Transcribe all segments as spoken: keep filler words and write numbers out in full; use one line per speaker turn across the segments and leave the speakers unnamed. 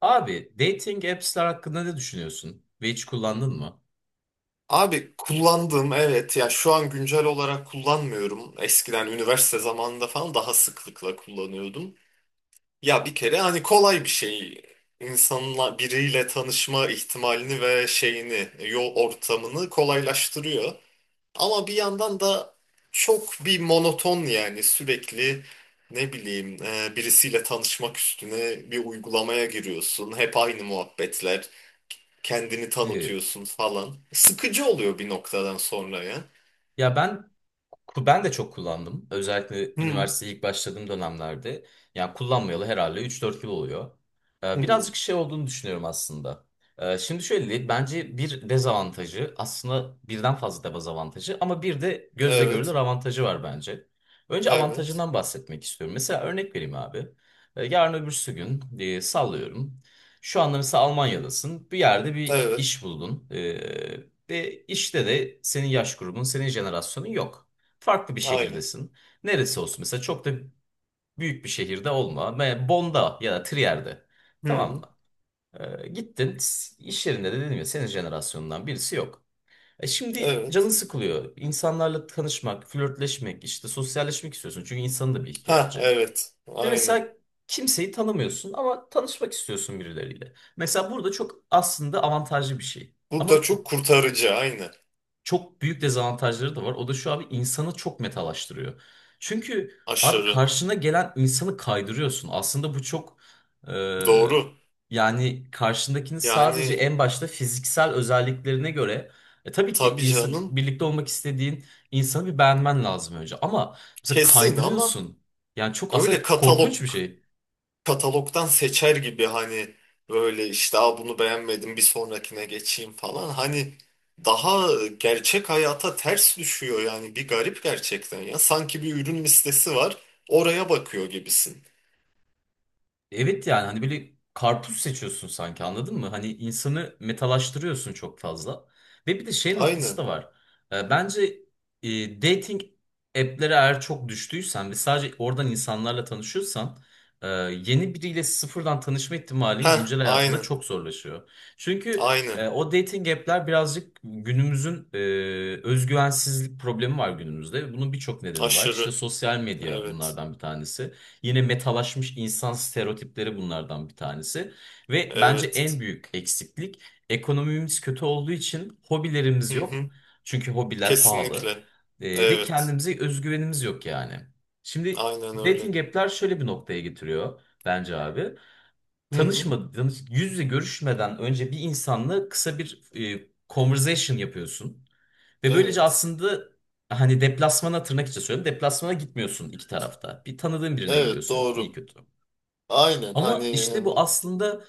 Abi dating apps'ler hakkında ne düşünüyorsun? Ve hiç kullandın mı?
Abi kullandım, evet. Ya şu an güncel olarak kullanmıyorum. Eskiden üniversite zamanında falan daha sıklıkla kullanıyordum. Ya bir kere hani kolay bir şey. İnsanla biriyle tanışma ihtimalini ve şeyini, yol ortamını kolaylaştırıyor. Ama bir yandan da çok bir monoton, yani sürekli ne bileyim e, birisiyle tanışmak üstüne bir uygulamaya giriyorsun. Hep aynı muhabbetler, kendini
Ne?
tanıtıyorsun falan. Sıkıcı oluyor bir noktadan sonra ya.
Ya ben ben de çok kullandım. Özellikle
Hmm.
üniversiteye ilk başladığım dönemlerde. Yani kullanmayalı herhalde üç dört yıl oluyor. Ee,
Hmm.
birazcık şey olduğunu düşünüyorum aslında. Ee, şimdi şöyle diyeyim. Bence bir dezavantajı aslında birden fazla dezavantajı ama bir de gözle görülür
Evet.
avantajı var bence. Önce
Evet.
avantajından bahsetmek istiyorum. Mesela örnek vereyim abi. Ee, yarın öbürsü gün e, sallıyorum. Şu anda mesela Almanya'dasın. Bir yerde bir
Evet.
iş buldun. Ee, ve işte de senin yaş grubun, senin jenerasyonun yok. Farklı bir
Aynen.
şehirdesin. Neresi olsun? Mesela çok da büyük bir şehirde olma. Me- Bond'a ya da Trier'de. Tamam
Hmm.
mı? Ee, gittin s- iş yerinde de dedim ya senin jenerasyonundan birisi yok. E şimdi canın
Evet.
sıkılıyor. İnsanlarla tanışmak, flörtleşmek, işte sosyalleşmek istiyorsun. Çünkü insanın da bir
Ha,
ihtiyacı.
evet.
Ve
Aynen.
mesela kimseyi tanımıyorsun ama tanışmak istiyorsun birileriyle. Mesela burada çok aslında avantajlı bir şey.
Burada
Ama
çok kurtarıcı aynı.
çok büyük dezavantajları da var. O da şu abi insanı çok metalaştırıyor. Çünkü abi
Aşırı.
karşına gelen insanı kaydırıyorsun. Aslında bu çok e,
Doğru.
yani karşındakini sadece
Yani
en başta fiziksel özelliklerine göre e, tabii ki
tabii
insan,
canım,
birlikte olmak istediğin insanı bir beğenmen lazım önce. Ama mesela
kesin. Ama
kaydırıyorsun. Yani çok
böyle
aslında korkunç bir
katalog,
şey.
katalogdan seçer gibi, hani böyle, işte, aa, bunu beğenmedim, bir sonrakine geçeyim falan. Hani daha gerçek hayata ters düşüyor yani, bir garip gerçekten ya. Sanki bir ürün listesi var, oraya bakıyor gibisin.
Evet yani hani böyle karpuz seçiyorsun sanki anladın mı? Hani insanı metalaştırıyorsun çok fazla. Ve bir de şey noktası
Aynen.
da var. Ee, Bence e, dating app'lere eğer çok düştüysen ve sadece oradan insanlarla tanışıyorsan e, yeni biriyle sıfırdan tanışma ihtimalin
Heh,
güncel hayatında
aynen.
çok zorlaşıyor. Çünkü
Aynen.
e, o dating app'ler birazcık günümüzün e, özgüvensizlik problemi var günümüzde. Bunun birçok nedeni var. İşte
Aşırı.
sosyal medya
Evet.
bunlardan bir tanesi. Yine metalaşmış insan stereotipleri bunlardan bir tanesi. Ve bence
Evet.
en büyük eksiklik ekonomimiz kötü olduğu için hobilerimiz
Hı
yok.
hı.
Çünkü hobiler pahalı.
Kesinlikle.
Ee, ve
Evet.
kendimize özgüvenimiz yok yani. Şimdi
Aynen öyle.
dating app'ler şöyle bir noktaya getiriyor bence abi.
Hı hı.
Tanışmadan, tanış- yüz yüze görüşmeden önce bir insanla kısa bir e, conversation yapıyorsun. Ve böylece
Evet.
aslında hani deplasmana tırnak içi söylüyorum. Deplasmana gitmiyorsun iki tarafta. Bir tanıdığın birine
Evet
gidiyorsun iyi
doğru.
kötü.
Aynen hani,
Ama işte bu
em,
aslında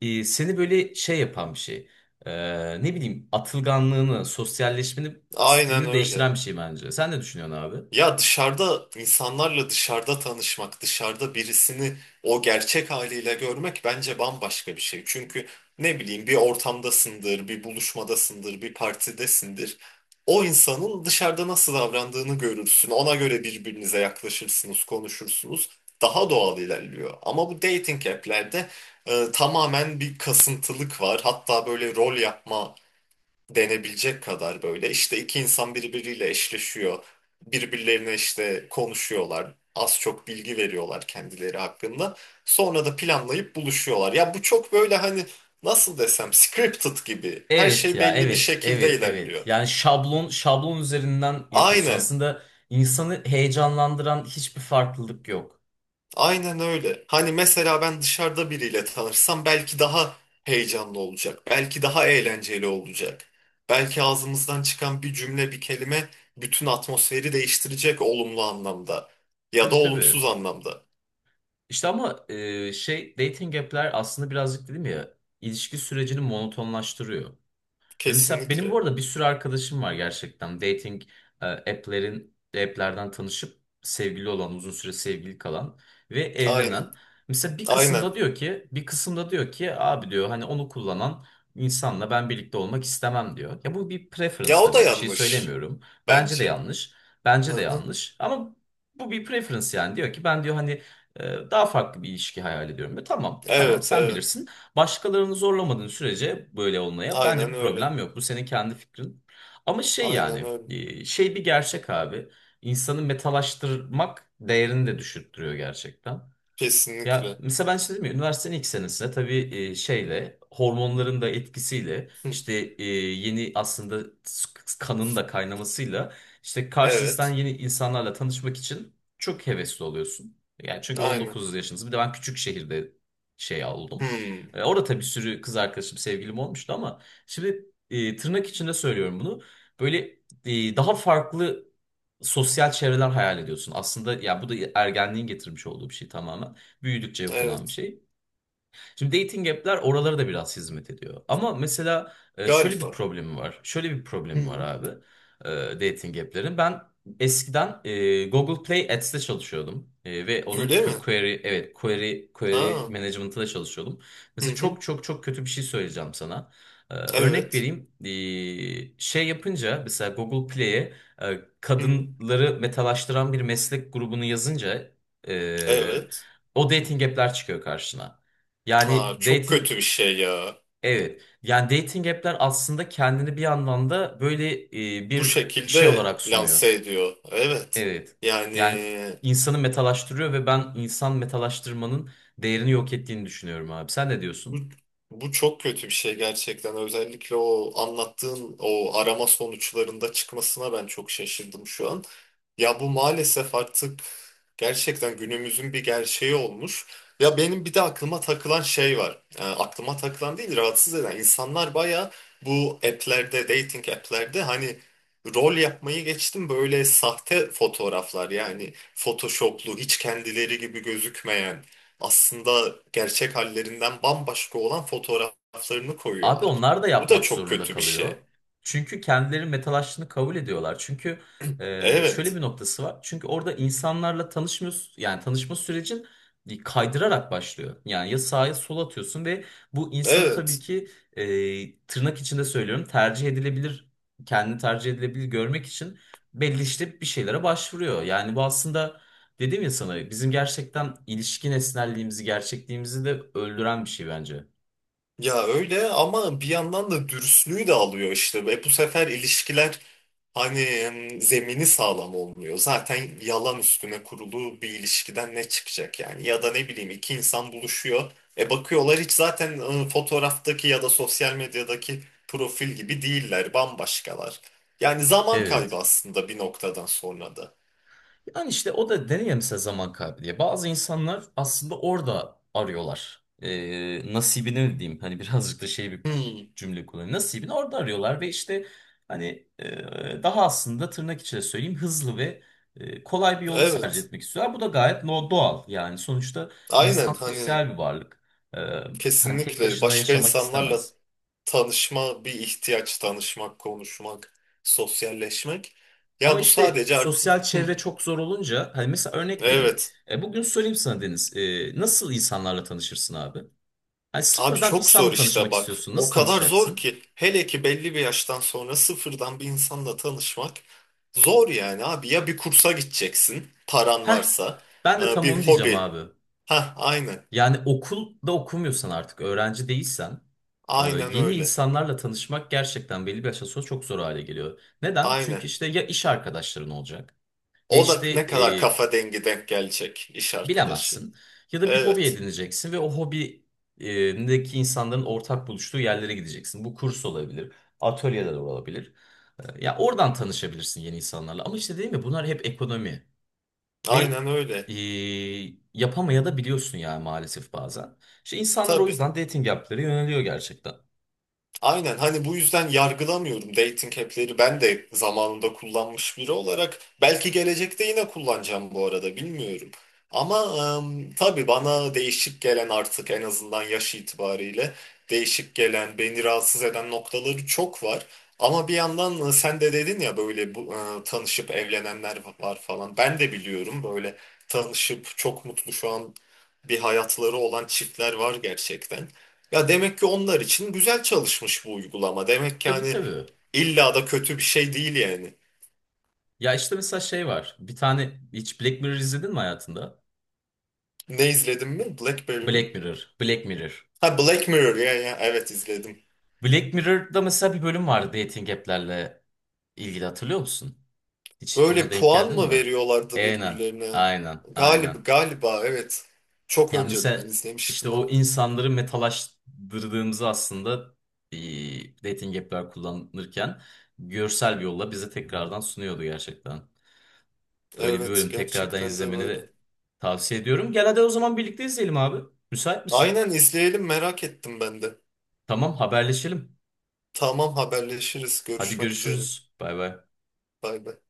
e, seni böyle şey yapan bir şey. E, ne bileyim atılganlığını, sosyalleşmeni,
aynen
stilini
öyle.
değiştiren bir şey bence. Sen ne düşünüyorsun abi?
Ya dışarıda insanlarla, dışarıda tanışmak, dışarıda birisini o gerçek haliyle görmek bence bambaşka bir şey. Çünkü ne bileyim, bir ortamdasındır, bir buluşmadasındır, bir partidesindir. O insanın dışarıda nasıl davrandığını görürsün. Ona göre birbirinize yaklaşırsınız, konuşursunuz. Daha doğal ilerliyor. Ama bu dating app'lerde e, tamamen bir kasıntılık var. Hatta böyle rol yapma denebilecek kadar. Böyle işte iki insan birbiriyle eşleşiyor. Birbirlerine işte konuşuyorlar. Az çok bilgi veriyorlar kendileri hakkında. Sonra da planlayıp buluşuyorlar. Ya bu çok böyle, hani nasıl desem, scripted gibi. Her
Evet
şey
ya
belli bir
evet
şekilde
evet evet.
ilerliyor.
Yani şablon şablon üzerinden yapıyorsun.
Aynen.
Aslında insanı heyecanlandıran hiçbir farklılık yok.
Aynen öyle. Hani mesela ben dışarıda biriyle tanışsam belki daha heyecanlı olacak. Belki daha eğlenceli olacak. Belki ağzımızdan çıkan bir cümle, bir kelime bütün atmosferi değiştirecek, olumlu anlamda ya da
Tabii tabii.
olumsuz anlamda.
İşte ama e, şey dating app'ler aslında birazcık dedim ya ilişki sürecini monotonlaştırıyor. Ve mesela benim bu
Kesinlikle.
arada bir sürü arkadaşım var gerçekten. Dating e, app'lerin app'lerden tanışıp sevgili olan, uzun süre sevgili kalan ve evlenen.
Aynen.
Mesela bir kısımda
Aynen.
diyor ki, bir kısımda diyor ki abi diyor hani onu kullanan insanla ben birlikte olmak istemem diyor. Ya bu bir preference
Ya o da
tabii. Bir şey
yanlış
söylemiyorum. Bence de
bence.
yanlış. Bence
Hı
de
hı.
yanlış. Ama bu bir preference yani. Diyor ki ben diyor hani e, daha farklı bir ilişki hayal ediyorum. Ve tamam, tamam
Evet,
sen
evet.
bilirsin. Başkalarını zorlamadığın sürece böyle olmaya bence
Aynen
bir
öyle.
problem yok. Bu senin kendi fikrin. Ama şey
Aynen
yani
öyle.
e, şey bir gerçek abi. İnsanı metalaştırmak değerini de düşürttürüyor gerçekten. Ya
Kesinlikle.
mesela ben işte dedim ya üniversitenin ilk senesinde tabii e, şeyle hormonların da etkisiyle
Hı.
işte e, yeni aslında s- kanın da kaynamasıyla işte karşınızdan
Evet.
yeni insanlarla tanışmak için çok hevesli oluyorsun. Yani çünkü
Aynen.
on dokuz yaşınız bir de ben küçük şehirde şey oldum.
Hmm.
E, orada tabii bir sürü kız arkadaşım sevgilim olmuştu ama şimdi e, tırnak içinde söylüyorum bunu. Böyle e, daha farklı sosyal çevreler hayal ediyorsun. Aslında ya bu da ergenliğin getirmiş olduğu bir şey tamamen büyüdükçe yok olan bir
Evet.
şey. Şimdi dating app'ler oralara da biraz hizmet ediyor. Ama mesela e, şöyle bir
Galiba.
problemi var. Şöyle bir problemi var
Hı.
abi. e, Dating app'lerin. Ben eskiden e, Google Play Ads'te çalışıyordum. E, ve onun
Öyle mi?
que- query, evet query, query
Ha,
management'ında çalışıyordum.
hı
Mesela
hı.
çok çok çok kötü bir şey söyleyeceğim sana. E, örnek
Evet.
vereyim. E, şey yapınca mesela Google Play'e e,
Hı hı.
kadınları metalaştıran bir meslek grubunu yazınca e,
Evet.
o dating app'ler çıkıyor karşına.
Aa,
Yani
çok
dating
kötü bir şey ya.
evet. Yani dating app'ler aslında kendini bir anlamda böyle e,
Bu
bir şey
şekilde
olarak sunuyor.
lanse ediyor. Evet.
Evet.
Yani
Yani insanı metalaştırıyor ve ben insan metalaştırmanın değerini yok ettiğini düşünüyorum abi. Sen ne
bu,
diyorsun?
bu çok kötü bir şey gerçekten. Özellikle o anlattığın o arama sonuçlarında çıkmasına ben çok şaşırdım şu an. Ya bu maalesef artık gerçekten günümüzün bir gerçeği olmuş. Ya benim bir de aklıma takılan şey var. E, aklıma takılan değil, rahatsız eden. İnsanlar baya bu app'lerde, dating app'lerde hani, rol yapmayı geçtim, böyle sahte fotoğraflar, yani photoshoplu, hiç kendileri gibi gözükmeyen, aslında gerçek hallerinden bambaşka olan fotoğraflarını
Abi
koyuyorlar.
onlar da
Bu da
yapmak
çok
zorunda
kötü bir şey.
kalıyor. Çünkü kendileri metal aşçını kabul ediyorlar. Çünkü e, şöyle bir
Evet,
noktası var. Çünkü orada insanlarla tanışmıyorsun. Yani tanışma sürecin kaydırarak başlıyor. Yani ya sağa ya sola atıyorsun ve bu insanı tabii
evet.
ki e, tırnak içinde söylüyorum tercih edilebilir, kendini tercih edilebilir görmek için belli işte bir şeylere başvuruyor. Yani bu aslında dedim ya sana bizim gerçekten ilişki nesnelliğimizi gerçekliğimizi de öldüren bir şey bence.
Ya öyle, ama bir yandan da dürüstlüğü de alıyor işte. E bu sefer ilişkiler hani, em, zemini sağlam olmuyor. Zaten yalan üstüne kurulu bir ilişkiden ne çıkacak yani? Ya da ne bileyim, iki insan buluşuyor. E bakıyorlar, hiç zaten e, fotoğraftaki ya da sosyal medyadaki profil gibi değiller, bambaşkalar. Yani zaman kaybı
Evet.
aslında bir noktadan sonra da.
Yani işte o da denir ya mesela zaman kaybediyor. Bazı insanlar aslında orada arıyorlar. Ee, nasibini diyeyim hani birazcık da şey bir
Hmm,
cümle kullanayım. Nasibini orada arıyorlar ve işte hani e, daha aslında tırnak içinde söyleyeyim hızlı ve e, kolay bir yolu tercih
evet.
etmek istiyorlar. Bu da gayet no doğal yani sonuçta insan
Aynen hani.
sosyal bir varlık. Ee, Hani tek
Kesinlikle,
başına
başka
yaşamak
insanlarla
istemez.
tanışma bir ihtiyaç; tanışmak, konuşmak, sosyalleşmek.
Ama
Ya bu
işte
sadece artık.
sosyal
Hı,
çevre çok zor olunca hani mesela örnek vereyim.
evet.
E, bugün söyleyeyim sana Deniz. E, nasıl insanlarla tanışırsın abi? Hani
Abi
sıfırdan
çok
insanla
zor işte,
tanışmak
bak.
istiyorsun.
O
Nasıl
kadar zor
tanışacaksın?
ki, hele ki belli bir yaştan sonra sıfırdan bir insanla tanışmak zor yani abi. Ya bir kursa gideceksin paran
Heh,
varsa.
ben de
Ee,
tam onu
bir
diyeceğim
hobi.
abi.
Ha aynen.
Yani okulda okumuyorsan artık öğrenci değilsen e,
Aynen
yeni
öyle.
insanlarla tanışmak gerçekten belli bir yaştan sonra çok zor hale geliyor. Neden? Çünkü
Aynen.
işte ya iş arkadaşların olacak ya
O da
işte
ne kadar
e,
kafa dengi denk gelecek iş arkadaşı.
bilemezsin. Ya da bir hobi
Evet.
edineceksin ve o hobideki insanların ortak buluştuğu yerlere gideceksin. Bu kurs olabilir, atölyeler olabilir. E, Ya oradan tanışabilirsin yeni insanlarla. Ama işte değil mi bunlar hep ekonomi ve
Aynen
e,
öyle.
yapamaya da biliyorsun yani maalesef bazen. İşte insanlar o
Tabii.
yüzden dating app'lere yöneliyor gerçekten.
Aynen hani, bu yüzden yargılamıyorum dating app'leri. Ben de zamanında kullanmış biri olarak belki gelecekte yine kullanacağım, bu arada bilmiyorum. Ama em, tabii bana değişik gelen, artık en azından yaş itibariyle değişik gelen, beni rahatsız eden noktaları çok var. Ama bir yandan e, sen de dedin ya, böyle bu, e, tanışıp evlenenler var falan, ben de biliyorum. Böyle tanışıp çok mutlu şu an bir hayatları olan çiftler var gerçekten. Ya demek ki onlar için güzel çalışmış bu uygulama. Demek ki
Tabii
hani
tabii.
illa da kötü bir şey değil yani.
Ya işte mesela şey var. Bir tane hiç Black Mirror izledin mi hayatında?
Ne izledim mi? Blackberry mi?
Black Mirror, Black Mirror.
Ha, Black Mirror. Ya ya evet izledim.
Black Mirror'da mesela bir bölüm vardı dating app'lerle ilgili hatırlıyor musun? Hiç ona
Böyle
denk
puan
geldin
mı
mi?
veriyorlardı
Aynen,
birbirlerine?
aynen, aynen.
Galiba, galiba evet. Çok
Ya
önceden
mesela işte
izlemiştim
o
ama.
insanları metalaştırdığımızı aslında eee, dating app'ler kullanırken görsel bir yolla bize tekrardan sunuyordu gerçekten. Böyle bir
Evet,
bölüm tekrardan
gerçekten de
izlemeni
böyle.
de tavsiye ediyorum. Gel hadi o zaman birlikte izleyelim abi. Müsait misin?
Aynen, izleyelim, merak ettim ben de.
Tamam haberleşelim.
Tamam, haberleşiriz.
Hadi
Görüşmek üzere.
görüşürüz. Bay bay.
Bay bay.